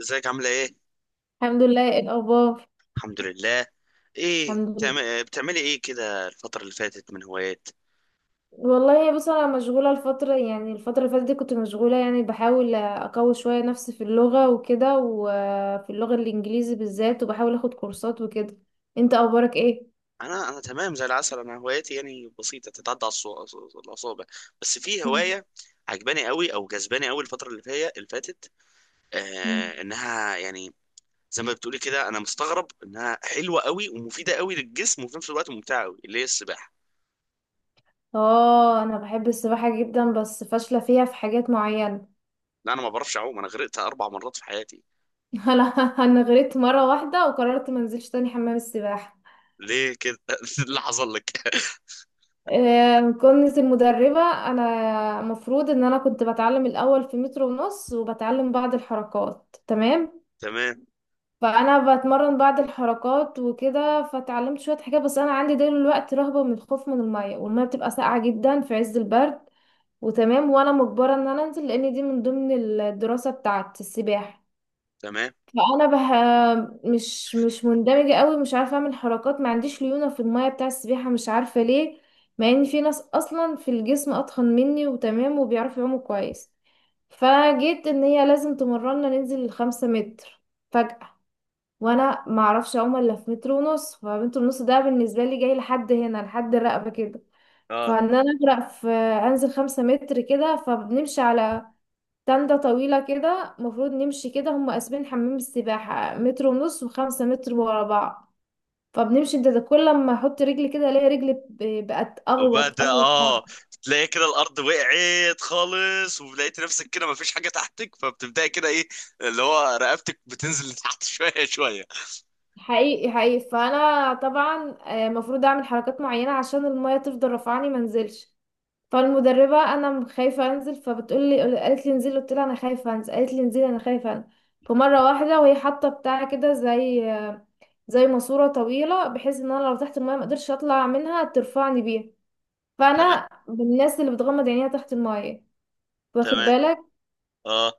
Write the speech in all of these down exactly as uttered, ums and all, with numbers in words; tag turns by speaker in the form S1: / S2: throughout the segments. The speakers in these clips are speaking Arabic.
S1: ازيك؟ عاملة ايه؟
S2: الحمد لله. ايه الاخبار؟
S1: الحمد لله. ايه
S2: الحمد لله.
S1: بتعمل... بتعملي ايه كده الفترة اللي فاتت من هوايات؟
S2: والله بص، انا مشغوله الفتره، يعني الفتره اللي فاتت دي كنت مشغوله، يعني بحاول اقوي شويه نفسي في اللغه وكده، وفي اللغه الانجليزي بالذات، وبحاول اخد كورسات وكده. انت؟ اخبارك ايه؟
S1: انا انا تمام زي العسل. انا هواياتي يعني بسيطة، تتعدى على الصو- الاصابع. بس في
S2: مم.
S1: هواية عجباني قوي او جذباني قوي الفترة اللي فيها اللي فاتت.
S2: مم.
S1: آه انها يعني، زي ما بتقولي كده، انا مستغرب انها حلوة قوي ومفيدة قوي للجسم وفي نفس الوقت ممتعة قوي، اللي هي السباحة.
S2: اه، انا بحب السباحه جدا بس فاشله فيها في حاجات معينه.
S1: لا، انا ما بعرفش اعوم، انا غرقت اربع مرات في حياتي.
S2: انا انا غرقت مره واحده وقررت ما انزلش تاني حمام السباحه.
S1: ليه كده؟ اللي حصل لك؟
S2: آه، كنت المدربة. أنا مفروض إن أنا كنت بتعلم الأول في متر ونص، وبتعلم بعض الحركات، تمام.
S1: تمام،
S2: فأنا بتمرن بعض الحركات وكده، فتعلمت شوية حاجات، بس أنا عندي دلوقتي رهبة من الخوف من المية، والمية بتبقى ساقعة جدا في عز البرد. وتمام، وأنا مجبرة إن أنا أنزل لأن دي من ضمن الدراسة بتاعت السباحة.
S1: تمام،
S2: فانا بح... مش مش مندمجه قوي، مش عارفه اعمل حركات، ما عنديش ليونه في الميه بتاع السباحه، مش عارفه ليه. مع ان في ناس اصلا في الجسم اتخن مني وتمام وبيعرفوا يعوموا كويس. فجيت ان هي لازم تمرنا ننزل الخمسة متر فجأة، وانا ما اعرفش اعوم الا في متر ونص. فمتر ونص ده بالنسبه لي جاي لحد هنا، لحد الرقبه كده.
S1: اه.
S2: فان انا اغرق في انزل خمسة متر كده. فبنمشي على تندة طويلة كده، المفروض نمشي كده، هم قاسمين حمام السباحة متر ونص وخمسة متر ورا بعض. فبنمشي، انت ده كل لما احط رجلي كده الاقي رجلي ب- بقت
S1: وبعد
S2: اغوط اغوط أغوط.
S1: اه، تلاقي كده الارض وقعت خالص، ولقيت نفسك كده مفيش حاجه تحتك، فبتبداي كده، ايه اللي هو، رقبتك بتنزل لتحت شويه شويه.
S2: حقيقي حقيقي، فانا طبعا آه، المفروض اعمل حركات معينة عشان المية تفضل رافعاني ما انزلش. فالمدربة، انا م- خايفة انزل، فبتقول لي قالت لي انزلي، قلت لها انا خايفة انزل، قالت لي انزلي، انا خايفة انزل. فمرة واحدة وهي حاطة بتاع كده، زي آه، زي ماسورة طويلة، بحيث ان انا لو تحت المايه ما اقدرش اطلع منها، ترفعني بيها.
S1: تمام،
S2: فانا من الناس اللي بتغمض عينيها تحت المايه، واخد
S1: تمام،
S2: بالك.
S1: اه.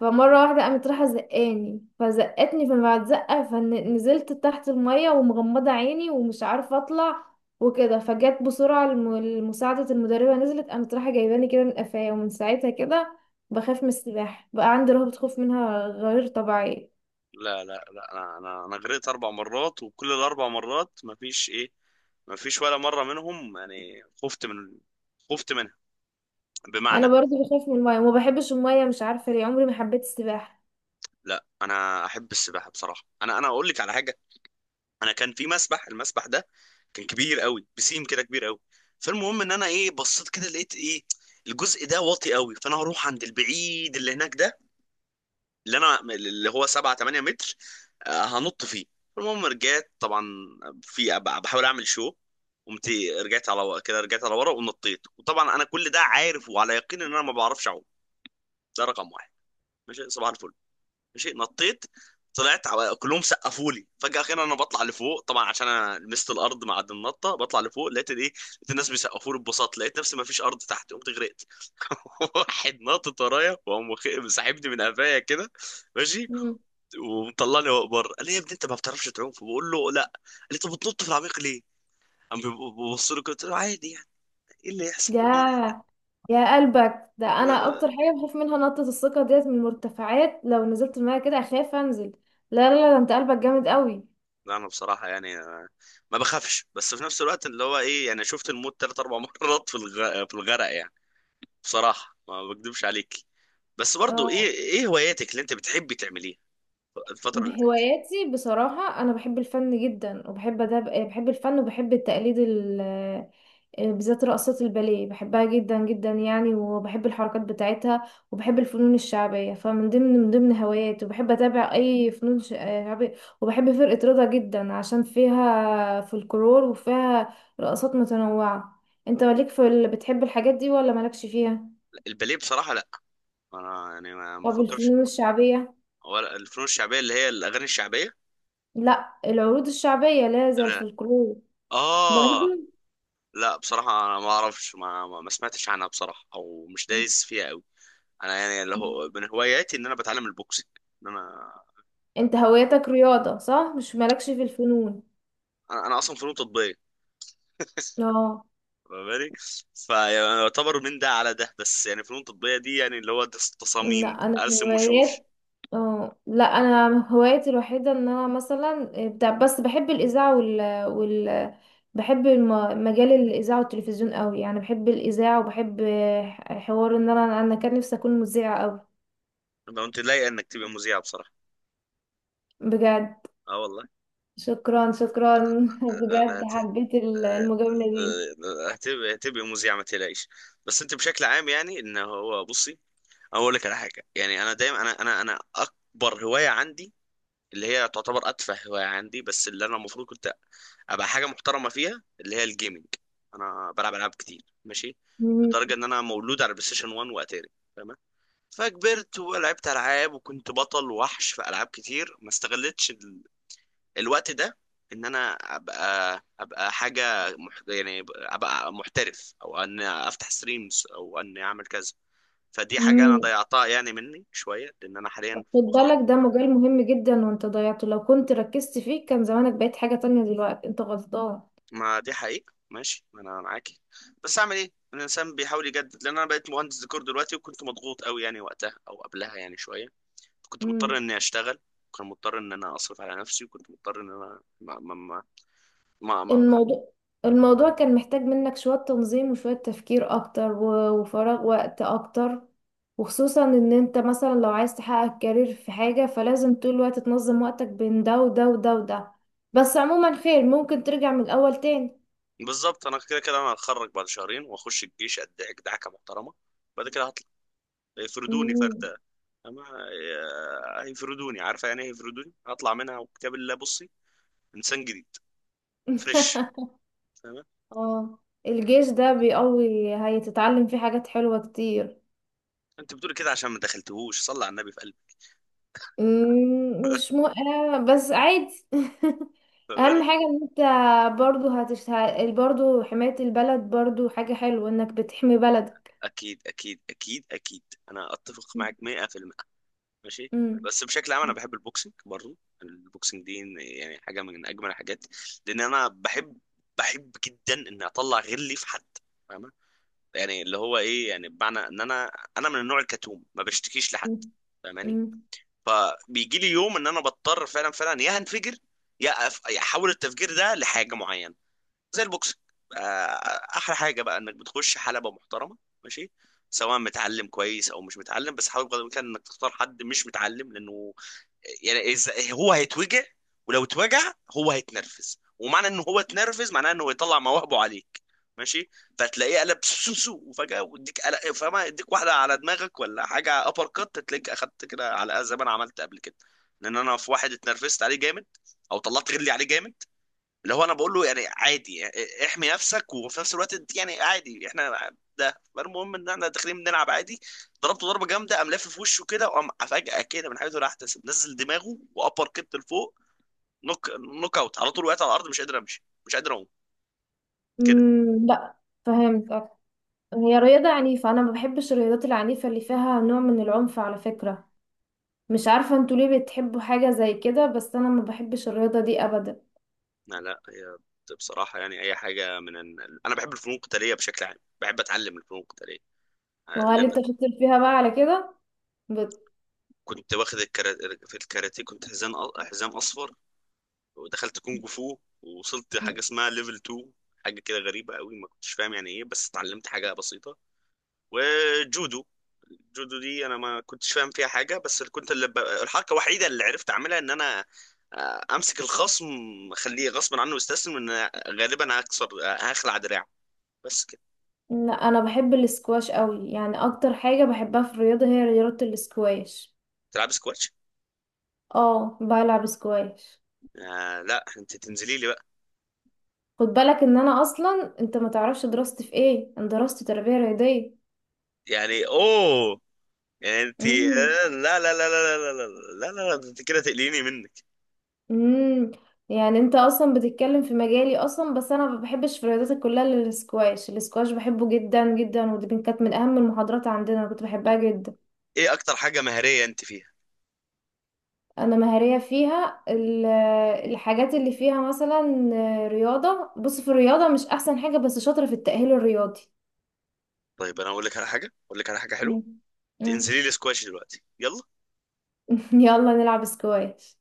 S2: فمرة واحدة قامت رايحة زقاني، فزقتني، فبعد زقة فنزلت تحت المايه ومغمضة عيني ومش عارفة اطلع وكده. فجت بسرعة الم- المساعدة المدربة، نزلت قامت رايحة جايباني كده من قفايا، ومن ساعتها كده بخاف من السباحة، بقى عندي رهبة خوف منها غير طبيعية.
S1: لا لا لا، انا انا انا غرقت اربع مرات، وكل الاربع مرات مفيش ايه، مفيش ولا مره منهم يعني خفت من، خفت منها،
S2: انا
S1: بمعنى.
S2: برضو بخاف من المايه وما بحبش المايه، مش عارفة ليه، عمري ما حبيت السباحة.
S1: لا، انا احب السباحه بصراحه. انا انا اقول لك على حاجه. انا كان في مسبح المسبح ده كان كبير قوي، بسيم كده، كبير قوي. فالمهم ان انا ايه، بصيت كده لقيت ايه، الجزء ده واطي قوي، فانا هروح عند البعيد اللي هناك ده، اللي انا اللي هو سبعة ثمانية متر، آه، هنط فيه. المهم رجعت طبعا، في أب- بحاول اعمل شو قمت، رجعت على ورا- كده رجعت على ورا ونطيت، وطبعا انا كل ده عارف وعلى يقين ان انا ما بعرفش اعوم. ده رقم واحد. ماشي، صباح الفل. ماشي نطيت، طلعت على- كلهم سقفوا لي، فجأة كده انا بطلع لفوق طبعا عشان انا لمست الارض مع النطة، بطلع لفوق لقيت الايه، لقيت الناس بيسقفوا لي ببساطة، لقيت نفسي ما فيش ارض تحت، قمت غرقت. واحد ناطط ورايا وقام واخ- ساحبني من قفايا كده. ماشي، ومطلعني فوق بره، قال لي: يا ابني انت ما بتعرفش تعوم؟ فبقول له: لا. قال لي: طب بتنط في العميق ليه؟ قام بيبص له كده، قلت له: عادي يعني، ايه اللي يحصل؟
S2: يا يا قلبك، ده انا اكتر حاجه بخاف منها نطه الثقه ديت من المرتفعات، لو نزلت الميه كده اخاف انزل. لا لا لا، ده انت قلبك جامد قوي.
S1: لا، انا بصراحه يعني آه، ما بخافش، بس في نفس الوقت اللي هو ايه يعني، شفت الموت ثلاث اربع مرات في الغ... في الغرق يعني. بصراحه ما بكدبش عليك. بس برضو ايه
S2: اه،
S1: ايه هواياتك اللي انت بتحبي تعمليها الفتره اللي فاتت؟
S2: بهواياتي بصراحه انا بحب الفن جدا وبحب ده. بحب الفن وبحب التقليد، آه، بالذات رقصات الباليه، بحبها جدا جدا يعني، وبحب الحركات بتاعتها. وبحب الفنون الشعبيه، فمن ضمن من ضمن هواياتي، وبحب اتابع اي فنون ش- آه، شعبيه. وبحب فرقه رضا جدا عشان فيها فلكلور وفيها رقصات متنوعه. انت مالك في ال... بتحب الحاجات دي ولا مالكش فيها؟
S1: الباليه بصراحه لا، انا يعني ما ما
S2: طب
S1: بفكرش.
S2: الفنون الشعبيه؟
S1: ولا الفنون الشعبيه اللي هي الاغاني الشعبيه؟
S2: لا، العروض الشعبيه، لا، زي
S1: لا.
S2: الفلكلور،
S1: اه،
S2: برضه.
S1: لا بصراحه انا ما اعرفش، ما ما ما سمعتش عنها بصراحه، او مش دايس فيها قوي. انا يعني اللي هو من هواياتي ان انا بتعلم البوكسنج. ان انا،
S2: انت هوايتك رياضه، صح؟ مش مالكش في الفنون.
S1: انا انا اصلا فنون تطبيقيه،
S2: اه،
S1: فاهماني؟ فيعتبر من ده على ده، بس يعني فنون تطبيقية دي يعني اللي هو دس-
S2: لا،
S1: تصاميم،
S2: انا
S1: ارسم وشوش.
S2: هوايات اه لا انا هوايتي الوحيده ان انا مثلا بتاع، بس بحب الاذاعه وال وال بحب الم- مجال الاذاعه والتلفزيون قوي، يعني بحب الاذاعه، وبحب ح- حوار، ان انا انا كان نفسي اكون مذيعه قوي.
S1: لو انت لايق انك تبقى مذيعة بصراحة.
S2: بجد؟
S1: اه والله.
S2: شكرا شكرا.
S1: لا-
S2: بجد
S1: لا هت-
S2: حبيت ال- المجامله دي.
S1: آه، آه، هتبقى هتبقى مذيعة، ما تقلقيش. بس انت بشكل عام يعني ان هو، بصي، أنا اقول لك على حاجة يعني، انا دايما، انا انا انا اكبر هواية عندي، اللي هي تعتبر اتفه هوايه عندي، بس اللي انا المفروض كنت ابقى حاجه محترمه فيها، اللي هي الجيمنج. انا بلعب العاب كتير، ماشي؟
S2: مم.
S1: لدرجه ان انا مولود على بلاي ستيشن واحد واتاري. تمام، فكبرت ولعبت العاب وكنت بطل وحش في العاب كتير، ما استغلتش ال... الوقت ده ان انا ابقى ابقى حاجه مح... يعني ابقى محترف، او ان افتح ستريمز، او ان اعمل كذا. فدي حاجه انا
S2: مم.
S1: ضيعتها يعني مني شويه، لان انا حاليا،
S2: خد بالك، ده مجال مهم جدا وانت ضيعته، لو كنت ركزت فيه كان زمانك بقيت حاجه تانية دلوقتي، انت غلطان.
S1: ما دي حقيقة، ماشي، ما انا معاكي. بس اعمل ايه، الانسان بيحاول يجدد، لان انا بقيت مهندس ديكور دلوقتي، وكنت مضغوط قوي يعني وقتها او قبلها يعني شوية، كنت مضطر
S2: مم.
S1: اني اشتغل، كنت مضطر ان انا اصرف على نفسي، وكنت مضطر ان انا ما ما ما, ما, ما.
S2: الموضوع الموضوع كان محتاج منك شوية تنظيم وشوية تفكير أكتر، و- وفراغ وقت أكتر، وخصوصا إن أنت مثلا لو عايز تحقق كارير في حاجة فلازم طول الوقت تنظم وقتك بين ده وده وده وده. بس عموما خير، ممكن ترجع من الأول تاني.
S1: بالظبط، انا كده كده انا هتخرج بعد شهرين واخش الجيش، ادعك دعكة محترمة، بعد كده هطلع يفردوني
S2: مم.
S1: فردة، أما آه، هيفردوني، عارفة يعني إيه هيفردوني؟ هطلع منها وكتاب الله، بصي، إنسان جديد، فريش، فاهمة؟
S2: اه، الجيش ده بيقوي، هيتتعلم فيه حاجات حلوة كتير.
S1: انت بتقولي كده عشان ما دخلتهوش، صلى على النبي في قلبي.
S2: مم، مش مو... آه، بس عادي. اهم
S1: فاهماني؟
S2: حاجة ان انت برضو هتشت... برضو حماية البلد، برضو حاجة حلوة انك بتحمي بلدك.
S1: اكيد، اكيد، اكيد، اكيد، انا اتفق معاك مية في المية. ماشي،
S2: مم.
S1: بس بشكل عام انا بحب البوكسنج برضه. البوكسنج دي يعني حاجه من اجمل الحاجات، لان انا بحب بحب جدا ان اطلع غلي في حد، فاهمه؟ يعني اللي هو ايه يعني، بمعنى ان انا انا من النوع الكتوم، ما بشتكيش لحد،
S2: مم.
S1: فاهماني؟
S2: مم.
S1: فبيجي لي يوم ان انا بضطر فعلا فعلا يا هنفجر، يا أف... يا احول التفجير ده لحاجه معينه، زي البوكسنج. آه، احلى حاجه بقى انك بتخش حلبه محترمه، ماشي، سواء متعلم كويس او مش متعلم، بس حاول بقدر الامكان انك تختار حد مش متعلم، لانه يعني إذا هو هيتوجع، ولو اتوجع هو هيتنرفز، ومعنى ان هو اتنرفز معناه انه يطلع مواهبه عليك. ماشي، فتلاقيه قلب سوسو، وفجاه ويديك قلق، فما يديك واحده على دماغك ولا حاجه ابر كات، تلاقيك اخدت كده، على زي ما انا عملت قبل كده. لان انا في واحد اتنرفزت عليه جامد، او طلعت غلي عليه جامد، اللي هو انا بقول له يعني عادي يعني، احمي نفسك وفي نفس الوقت انت يعني عادي، احنا ده المهم ان احنا داخلين بنلعب عادي. ضربته ضربه جامده، قام لافف في وشه كده، وقام فجاه كده من حيث لا يحتسب نزل دماغه، وابر كت لفوق، نوك نوك اوت على طول. وقعت على الارض، مش قادر امشي، مش قادر اقوم كده.
S2: مم. لا، فهمت أكتر. هي رياضة عنيفة، انا ما بحبش الرياضات العنيفة اللي فيها نوع من العنف، على فكرة. مش عارفة انتوا ليه بتحبوا حاجة زي كده، بس انا ما بحبش الرياضة دي ابدا.
S1: لا لا، هي بصراحه يعني، اي حاجه من ال... انا بحب الفنون القتاليه بشكل عام، بحب اتعلم الفنون القتاليه،
S2: وهل
S1: لان
S2: انت شاطر فيها بقى على كده؟
S1: كنت واخد الكرا... في الكاراتيه كنت حزام، حزام اصفر، ودخلت كونج فو ووصلت حاجه
S2: بت...
S1: اسمها ليفل اتنين، حاجه كده غريبه قوي ما كنتش فاهم يعني ايه، بس اتعلمت حاجه بسيطه. وجودو، الجودو دي انا ما كنتش فاهم فيها حاجه، بس اللي كنت اللي ب... الحركه الوحيده اللي عرفت اعملها ان انا آه، امسك الخصم، اخليه غصب عنه يستسلم، ان غالبا هكسر هخلع دراعه، بس كده.
S2: لا انا بحب الاسكواش قوي، يعني اكتر حاجه بحبها في الرياضه هي رياضه الاسكواش.
S1: تلعب سكواتش؟
S2: اه، بلعب اسكواش.
S1: آه، لا انت تنزلي لي بقى.
S2: خد بالك ان انا اصلا، انت ما تعرفش دراستي في ايه، انا دراستي تربيه رياضيه.
S1: يعني اوه، يعني انت
S2: امم
S1: آه، لا لا لا لا لا لا لا لا لا لا، انت كده تقليني منك.
S2: امم يعني انت اصلا بتتكلم في مجالي اصلا، بس انا ما بحبش في الرياضات كلها الا الاسكواش. الاسكواش بحبه جدا جدا، ودي كانت من اهم المحاضرات عندنا، انا كنت بحبها جدا.
S1: ايه اكتر حاجه مهاريه انت فيها؟
S2: انا مهارية فيها ال- الحاجات اللي فيها مثلا رياضة، بص، في الرياضة مش احسن حاجة، بس شاطرة في التأهيل الرياضي.
S1: طيب انا اقول لك على حاجه، اقول لك على حاجه حلوه،
S2: مم. مم.
S1: انزلي لي سكواش دلوقتي، يلا.
S2: يلا نلعب سكواش.